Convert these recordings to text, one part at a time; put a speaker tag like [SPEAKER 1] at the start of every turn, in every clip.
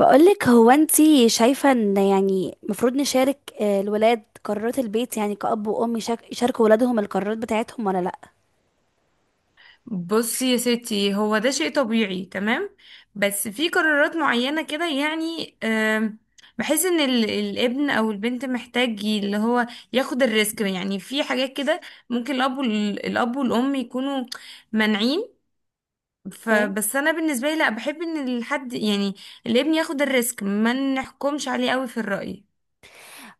[SPEAKER 1] بقولك، هو انتي شايفة ان يعني مفروض نشارك الولاد قرارات البيت؟ يعني كأب وأم يشاركوا ولادهم القرارات بتاعتهم ولا لأ؟
[SPEAKER 2] بصي يا ستي، هو ده شيء طبيعي، تمام. بس في قرارات معينة كده يعني بحس ان الابن او البنت محتاج اللي هو ياخد الريسك، يعني في حاجات كده ممكن الاب والام يكونوا مانعين.
[SPEAKER 1] اوكي.
[SPEAKER 2] فبس انا بالنسبة لي لا، بحب ان الحد يعني الابن ياخد الريسك، ما نحكمش عليه قوي في الرأي.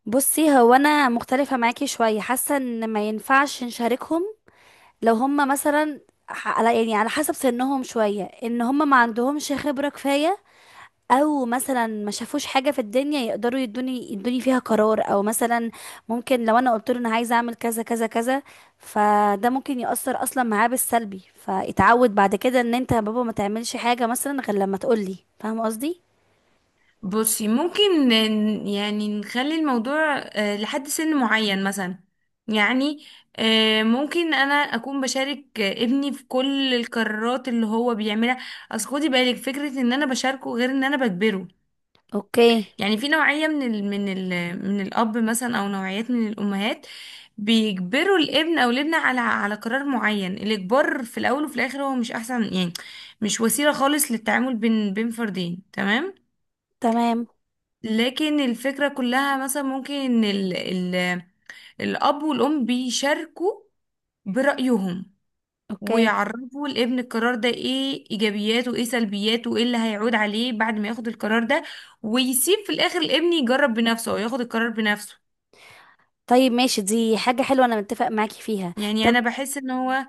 [SPEAKER 1] بصي، هو انا مختلفة معاكي شوية. حاسة ان ما ينفعش نشاركهم لو هم مثلا على يعني على حسب سنهم شوية، ان هم ما عندهمش خبرة كفاية، او مثلا ما شافوش حاجه في الدنيا يقدروا يدوني فيها قرار، او مثلا ممكن لو انا قلت له انا عايزه اعمل كذا كذا كذا، فده ممكن يأثر اصلا معاه بالسلبي، فاتعود بعد كده ان انت يا بابا ما تعملش حاجه مثلا غير لما تقولي. فاهم قصدي؟
[SPEAKER 2] بصي ممكن يعني نخلي الموضوع لحد سن معين مثلا. يعني ممكن انا اكون بشارك ابني في كل القرارات اللي هو بيعملها. اصل خدي بالك فكرة ان انا بشاركه غير ان انا بجبره.
[SPEAKER 1] اوكي.
[SPEAKER 2] يعني في نوعية من الاب مثلا او نوعيات من الامهات بيجبروا الابن او الابنة على قرار معين. الاجبار في الاول وفي الاخر هو مش احسن، يعني مش وسيلة خالص للتعامل بين فردين، تمام.
[SPEAKER 1] تمام.
[SPEAKER 2] لكن الفكرة كلها مثلا ممكن ان ال ال الاب والام بيشاركوا برأيهم،
[SPEAKER 1] اوكي.
[SPEAKER 2] ويعرفوا الابن القرار ده ايه ايجابياته وايه سلبياته وايه اللي هيعود عليه بعد ما ياخد القرار ده، ويسيب في الاخر الابن يجرب بنفسه او ياخد القرار بنفسه.
[SPEAKER 1] طيب ماشي، دي حاجه حلوه، انا متفق معاكي فيها.
[SPEAKER 2] يعني
[SPEAKER 1] طب،
[SPEAKER 2] انا بحس ان هو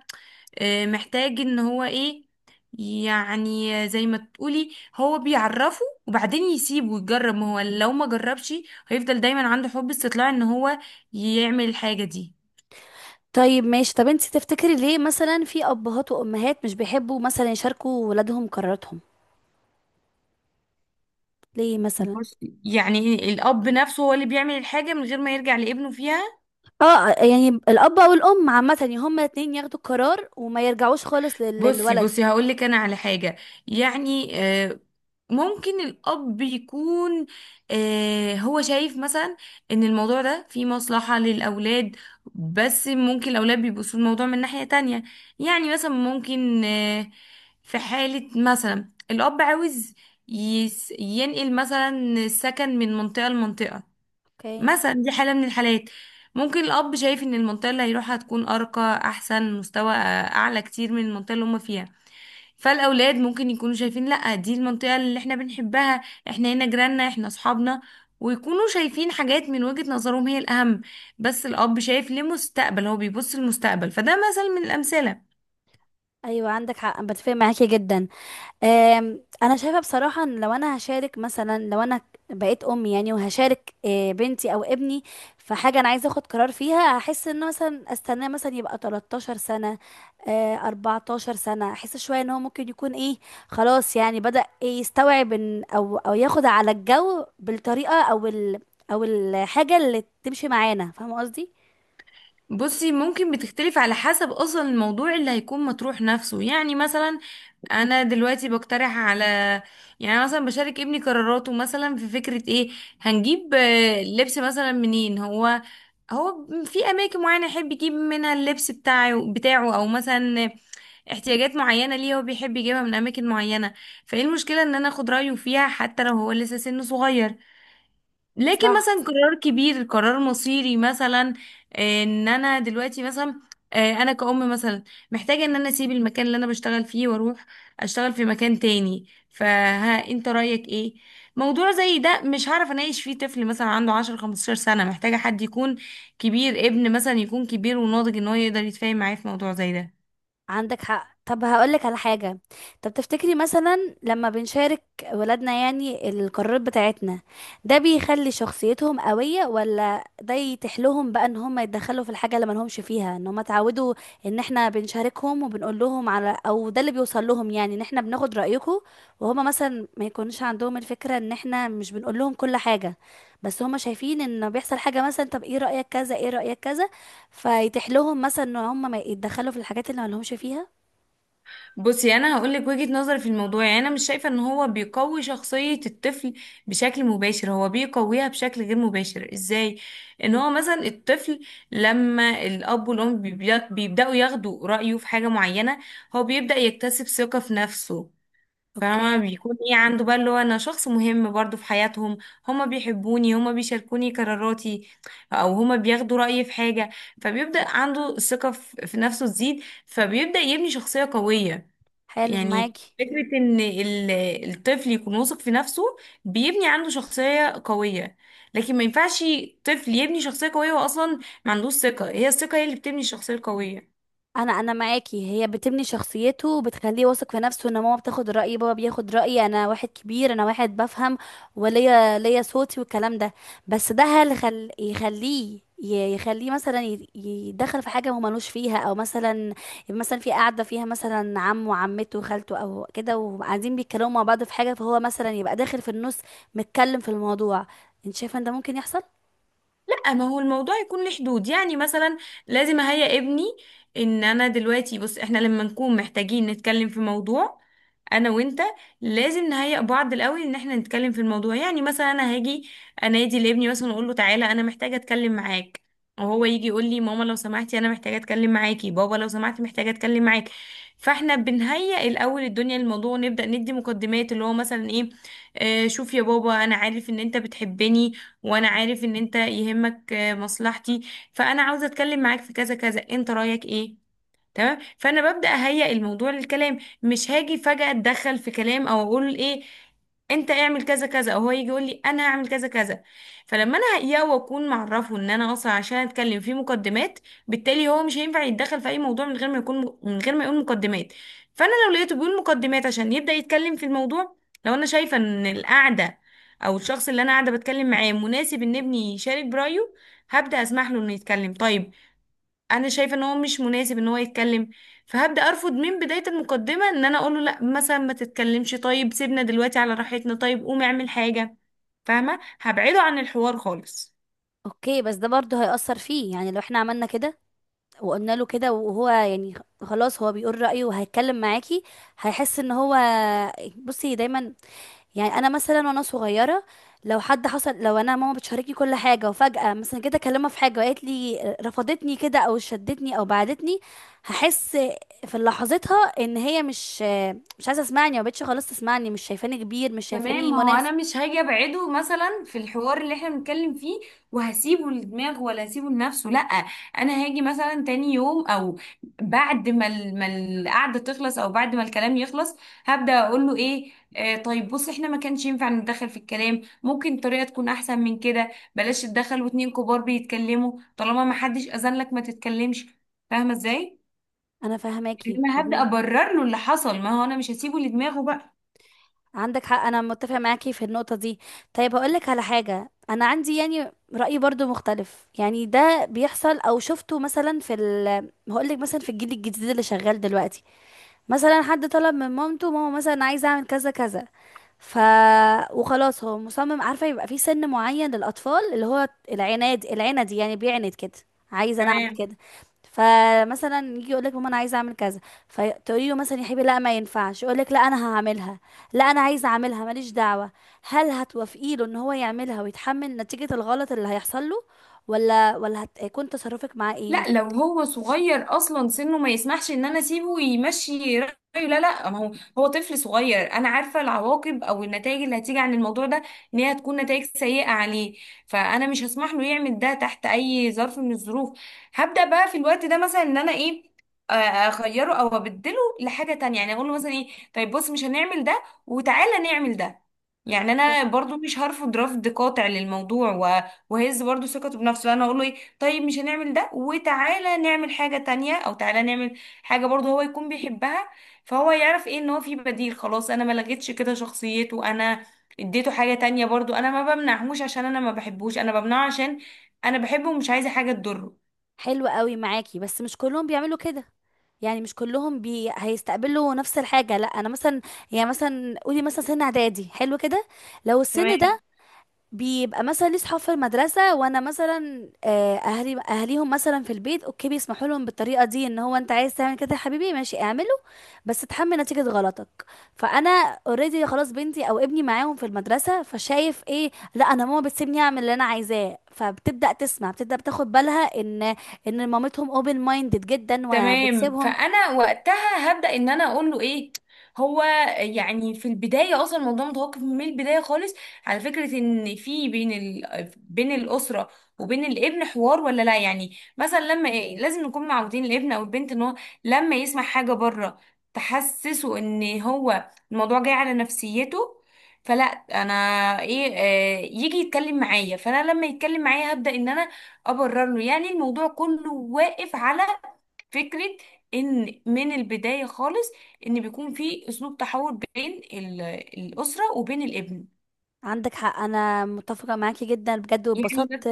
[SPEAKER 2] محتاج ان هو ايه، يعني زي ما تقولي هو بيعرفه وبعدين يسيبه ويجرب، ما هو لو ما جربش هيفضل دايما عنده حب استطلاع ان هو يعمل الحاجة دي.
[SPEAKER 1] طيب ماشي. طب انت تفتكري ليه مثلا في ابهات وامهات مش بيحبوا مثلا يشاركوا ولادهم قراراتهم؟ ليه مثلا؟
[SPEAKER 2] بصي يعني الأب نفسه هو اللي بيعمل الحاجة من غير ما يرجع لابنه فيها.
[SPEAKER 1] اه، يعني الاب او الام عامه، يعني هما الاتنين ياخدوا القرار وما يرجعوش خالص
[SPEAKER 2] بصي
[SPEAKER 1] للولد.
[SPEAKER 2] بصي هقولك أنا على حاجة. يعني ممكن الأب يكون هو شايف مثلا إن الموضوع ده فيه مصلحة للأولاد، بس ممكن الأولاد بيبصوا الموضوع من ناحية تانية. يعني مثلا ممكن في حالة مثلا الأب عاوز ينقل مثلا السكن من منطقة لمنطقة.
[SPEAKER 1] اوكي.
[SPEAKER 2] مثلا دي حالة من الحالات. ممكن الأب شايف إن المنطقة اللي هيروحها هتكون أرقى، أحسن مستوى، أعلى كتير من المنطقة اللي هما فيها. فالأولاد ممكن يكونوا شايفين لأ، دي المنطقة اللي احنا بنحبها، احنا هنا جيراننا، احنا أصحابنا، ويكونوا شايفين حاجات من وجهة نظرهم هي الأهم. بس الأب شايف لمستقبل، هو بيبص للمستقبل. فده مثل من الأمثلة.
[SPEAKER 1] ايوه عندك حق، أنا بتفق معاكي جدا. انا شايفه بصراحه ان لو انا هشارك، مثلا لو انا بقيت ام يعني وهشارك بنتي او ابني في حاجه انا عايزه اخد قرار فيها، هحس ان مثلا استناه مثلا يبقى 13 سنه، 14 سنه، احس شويه ان هو ممكن يكون ايه، خلاص يعني بدأ إيه، يستوعب إن او ياخد على الجو بالطريقه او الحاجه اللي تمشي معانا. فاهمه قصدي؟
[SPEAKER 2] بصي ممكن بتختلف على حسب أصلا الموضوع اللي هيكون مطروح نفسه. يعني مثلا انا دلوقتي بقترح على، يعني أنا مثلا بشارك ابني قراراته مثلا في فكرة ايه؟ هنجيب لبس مثلا منين؟ هو في اماكن معينة يحب يجيب منها اللبس بتاعه او مثلا احتياجات معينة ليه هو بيحب يجيبها من اماكن معينة. فايه المشكلة ان انا اخد رأيه فيها حتى لو هو لسه سنه صغير؟ لكن
[SPEAKER 1] صح.
[SPEAKER 2] مثلا قرار كبير، قرار مصيري مثلا، ان انا دلوقتي مثلا انا كأم مثلا محتاجة ان انا اسيب المكان اللي انا بشتغل فيه واروح اشتغل في مكان تاني، فها انت رأيك ايه؟ موضوع زي ده مش هعرف اناقش فيه طفل مثلا عنده 10 15 سنة، محتاجة حد يكون كبير، ابن مثلا يكون كبير وناضج ان هو يقدر يتفاهم معايا في موضوع زي ده.
[SPEAKER 1] عندك حق. طب هقولك على حاجة. طب تفتكري مثلا لما بنشارك ولادنا يعني القرارات بتاعتنا، ده بيخلي شخصيتهم قوية، ولا ده يتحلهم بقى ان هم يتدخلوا في الحاجة اللي ملهمش فيها؟ ان هم اتعودوا ان احنا بنشاركهم وبنقول لهم، على او ده اللي بيوصل لهم يعني ان احنا بناخد رأيكم، وهم مثلا ما يكونش عندهم الفكرة ان احنا مش بنقول لهم كل حاجة، بس هم شايفين ان بيحصل حاجة، مثلا طب ايه رأيك كذا، ايه رأيك كذا، فيتيح لهم مثلا ان هم ما يتدخلوا في الحاجات اللي ما لهمش فيها.
[SPEAKER 2] بصي انا هقول لك وجهة نظري في الموضوع. يعني انا مش شايفه ان هو بيقوي شخصيه الطفل بشكل مباشر، هو بيقويها بشكل غير مباشر. ازاي؟ ان
[SPEAKER 1] مم.
[SPEAKER 2] هو مثلا الطفل لما الاب والام بيبداوا ياخدوا رايه في حاجه معينه، هو بيبدا يكتسب ثقه في نفسه. فما
[SPEAKER 1] اوكي.
[SPEAKER 2] بيكون ايه عنده بقى، اللي هو انا شخص مهم برضو في حياتهم، هما بيحبوني، هما بيشاركوني قراراتي، او هما بياخدوا رايي في حاجه. فبيبدا عنده الثقه في نفسه تزيد، فبيبدا يبني شخصيه قويه.
[SPEAKER 1] حلو
[SPEAKER 2] يعني
[SPEAKER 1] معاكي.
[SPEAKER 2] فكرة إن الطفل يكون واثق في نفسه بيبني عنده شخصية قوية. لكن ما ينفعش طفل يبني شخصية قوية وأصلا ما عندوش ثقة، هي الثقة هي اللي بتبني الشخصية القوية.
[SPEAKER 1] انا معاكي، هي بتبني شخصيته وبتخليه واثق في نفسه ان ماما بتاخد رايي، بابا بياخد رايي، انا واحد كبير، انا واحد بفهم، وليا صوتي والكلام ده. بس ده، هل يخليه يخليه مثلا يدخل في حاجه هو ملوش فيها؟ او مثلا، مثلا في قاعده فيها مثلا عمه وعمته وخالته او كده، وقاعدين بيتكلموا مع بعض في حاجه، فهو مثلا يبقى داخل في النص، متكلم في الموضوع. انت شايفه ان ده ممكن يحصل؟
[SPEAKER 2] لا، ما هو الموضوع يكون له حدود. يعني مثلا لازم اهيئ ابني ان انا دلوقتي، بص احنا لما نكون محتاجين نتكلم في موضوع انا وانت لازم نهيئ بعض الاول ان احنا نتكلم في الموضوع. يعني مثلا انا هاجي انادي لابني مثلا اقول له تعالى انا محتاجه اتكلم معاك، وهو يجي يقول لي ماما لو سمحتي انا محتاجه اتكلم معاكي، بابا لو سمحتي محتاجه اتكلم معاك. فاحنا بنهيئ الاول الدنيا للموضوع، ونبدا ندي مقدمات، اللي هو مثلا ايه؟ شوف يا بابا انا عارف ان انت بتحبني، وانا عارف ان انت يهمك مصلحتي، فانا عاوزه اتكلم معاك في كذا كذا، انت رايك ايه؟ تمام، فانا ببدا اهيئ الموضوع للكلام، مش هاجي فجاه اتدخل في كلام او اقول ايه، انت اعمل كذا كذا، او هو يجي يقول لي انا هعمل كذا كذا. فلما انا هيئه واكون معرفه ان انا اصلا عشان اتكلم في مقدمات، بالتالي هو مش هينفع يتدخل في اي موضوع من غير ما يقول مقدمات. فانا لو لقيته بيقول مقدمات عشان يبدا يتكلم في الموضوع، لو انا شايفه ان القعده او الشخص اللي انا قاعده بتكلم معاه مناسب ان ابني يشارك برايه، هبدا اسمح له انه يتكلم. طيب انا شايفه ان هو مش مناسب ان هو يتكلم، فهبدا ارفض من بدايه المقدمه، ان انا اقول له لا مثلا ما تتكلمش، طيب سيبنا دلوقتي على راحتنا، طيب قوم اعمل حاجه، فاهمه؟ هبعده عن الحوار خالص.
[SPEAKER 1] اوكي، بس ده برضه هيأثر فيه يعني، لو احنا عملنا كده وقلنا له كده وهو يعني خلاص هو بيقول رأيه وهيتكلم معاكي، هيحس ان هو، بصي دايما، يعني انا مثلا وانا صغيرة، لو حد حصل، لو انا ماما بتشاركني كل حاجة وفجأة مثلا كده اكلمها في حاجة وقالت لي رفضتني كده او شدتني او بعدتني، هحس في لحظتها ان هي مش عايزة تسمعني، ما بقتش خلاص تسمعني، مش شايفاني كبير، مش
[SPEAKER 2] تمام،
[SPEAKER 1] شايفاني
[SPEAKER 2] ما هو انا
[SPEAKER 1] مناسب.
[SPEAKER 2] مش هاجي ابعده مثلا في الحوار اللي احنا بنتكلم فيه وهسيبه لدماغه، ولا هسيبه لنفسه، لا. انا هاجي مثلا تاني يوم او بعد ما القعده تخلص او بعد ما الكلام يخلص، هبدا اقول له ايه، طيب بص احنا ما كانش ينفع نتدخل في الكلام، ممكن طريقه تكون احسن من كده، بلاش تتدخل واتنين كبار بيتكلموا، طالما ما حدش اذن لك ما تتكلمش، فاهمه ازاي؟
[SPEAKER 1] انا فاهماكي.
[SPEAKER 2] انما هبدا ابرر له اللي حصل، ما هو انا مش هسيبه لدماغه بقى.
[SPEAKER 1] عندك حق، انا متفق معاكي في النقطه دي. طيب هقول لك على حاجه، انا عندي يعني راي برضو مختلف، يعني ده بيحصل او شفته مثلا في ال هقول لك مثلا في الجيل الجديد اللي شغال دلوقتي، مثلا حد طلب من مامته، ماما مثلا عايزه اعمل كذا كذا، ف وخلاص هو مصمم. عارفه، يبقى في سن معين للاطفال اللي هو العناد، العند يعني بيعند كده، عايزه انا اعمل
[SPEAKER 2] تمام.
[SPEAKER 1] كده. فمثلا يجي يقول لك ماما انا عايزه اعمل كذا، فتقولي له مثلا يا حبيبي لا ما ينفعش، يقول لك لا انا هعملها، لا انا عايزه اعملها، ماليش دعوه. هل هتوافقي له ان هو يعملها ويتحمل نتيجه الغلط اللي هيحصل له، ولا هتكون تصرفك معاه ايه
[SPEAKER 2] لا
[SPEAKER 1] مثلا؟
[SPEAKER 2] لو هو صغير اصلا سنه ما يسمحش ان انا اسيبه يمشي رايه، لا لا، ما هو طفل صغير، انا عارفه العواقب او النتائج اللي هتيجي عن الموضوع ده، ان هي هتكون نتائج سيئه عليه، فانا مش هسمح له يعمل ده تحت اي ظرف من الظروف. هبدا بقى في الوقت ده مثلا ان انا ايه، اغيره او ابدله لحاجه تانية. يعني اقول له مثلا ايه، طيب بص مش هنعمل ده وتعالى نعمل ده. يعني انا برضو مش هرفض رفض قاطع للموضوع، وهز برضو ثقته بنفسه، انا اقول له إيه، طيب مش هنعمل ده وتعالى نعمل حاجة تانية، او تعالى نعمل حاجة برضه هو يكون بيحبها. فهو يعرف ايه، ان هو في بديل، خلاص انا ما لغيتش كده شخصيته، انا اديته حاجة تانية برضه، انا ما بمنعهوش عشان انا ما بحبوش، انا بمنعه عشان انا بحبه ومش عايزة حاجة تضره.
[SPEAKER 1] حلو قوي معاكي، بس مش كلهم بيعملوا كده. يعني مش كلهم هيستقبلوا نفس الحاجة. لا، انا مثلا، يعني مثلا قولي مثلا سن اعدادي حلو كده، لو السن ده بيبقى مثلا ليه صحاب في المدرسة، وانا مثلا اهليهم مثلا في البيت اوكي، بيسمحوا لهم بالطريقة دي ان هو انت عايز تعمل كده يا حبيبي، ماشي اعمله، بس اتحمل نتيجة غلطك. فانا، اوريدي خلاص بنتي او ابني معاهم في المدرسة، فشايف ايه، لا انا ماما بتسيبني اعمل اللي انا عايزاه، فبتبدأ تسمع بتبدأ بتاخد بالها ان، ان مامتهم اوبن مايندد جدا
[SPEAKER 2] تمام،
[SPEAKER 1] وبتسيبهم.
[SPEAKER 2] فانا وقتها هبدا ان انا اقول له ايه هو، يعني في البدايه اصلا الموضوع متوقف من البدايه خالص على فكره ان في بين بين الاسره وبين الابن حوار ولا لا. يعني مثلا لما إيه، لازم نكون معودين الابن او البنت ان هو لما يسمع حاجه بره تحسسه ان هو الموضوع جاي على نفسيته، فلا انا ايه، يجي يتكلم معايا، فانا لما يتكلم معايا هبدا ان انا ابرر له. يعني الموضوع كله واقف على فكرة ان من البداية خالص، ان بيكون في اسلوب تحول بين الاسرة وبين الابن.
[SPEAKER 1] عندك حق، انا متفقة معاكي جدا بجد،
[SPEAKER 2] يعني
[SPEAKER 1] واتبسطت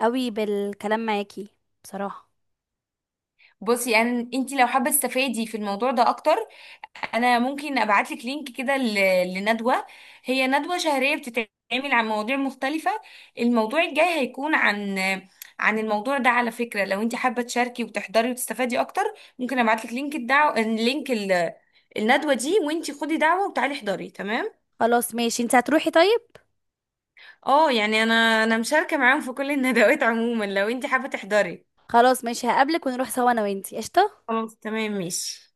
[SPEAKER 1] قوي بالكلام معاكي بصراحة.
[SPEAKER 2] بصي، يعني انت لو حابة تستفادي في الموضوع ده اكتر، انا ممكن ابعت لك لينك كده لندوة، هي ندوة شهرية بتتعمل عن مواضيع مختلفة. الموضوع الجاي هيكون عن الموضوع ده، على فكرة. لو انت حابة تشاركي وتحضري وتستفادي اكتر، ممكن ابعت لك لينك الدعوة، لينك الندوة دي، وانت خدي دعوة وتعالي احضري، تمام.
[SPEAKER 1] خلاص ماشي، انت هتروحي طيب؟
[SPEAKER 2] اه، يعني انا مشاركة معاهم في كل الندوات عموما، لو انت حابة تحضري.
[SPEAKER 1] خلاص ماشي، هقابلك ونروح سوا انا وانتي، قشطة.
[SPEAKER 2] خلاص، تمام، ماشي.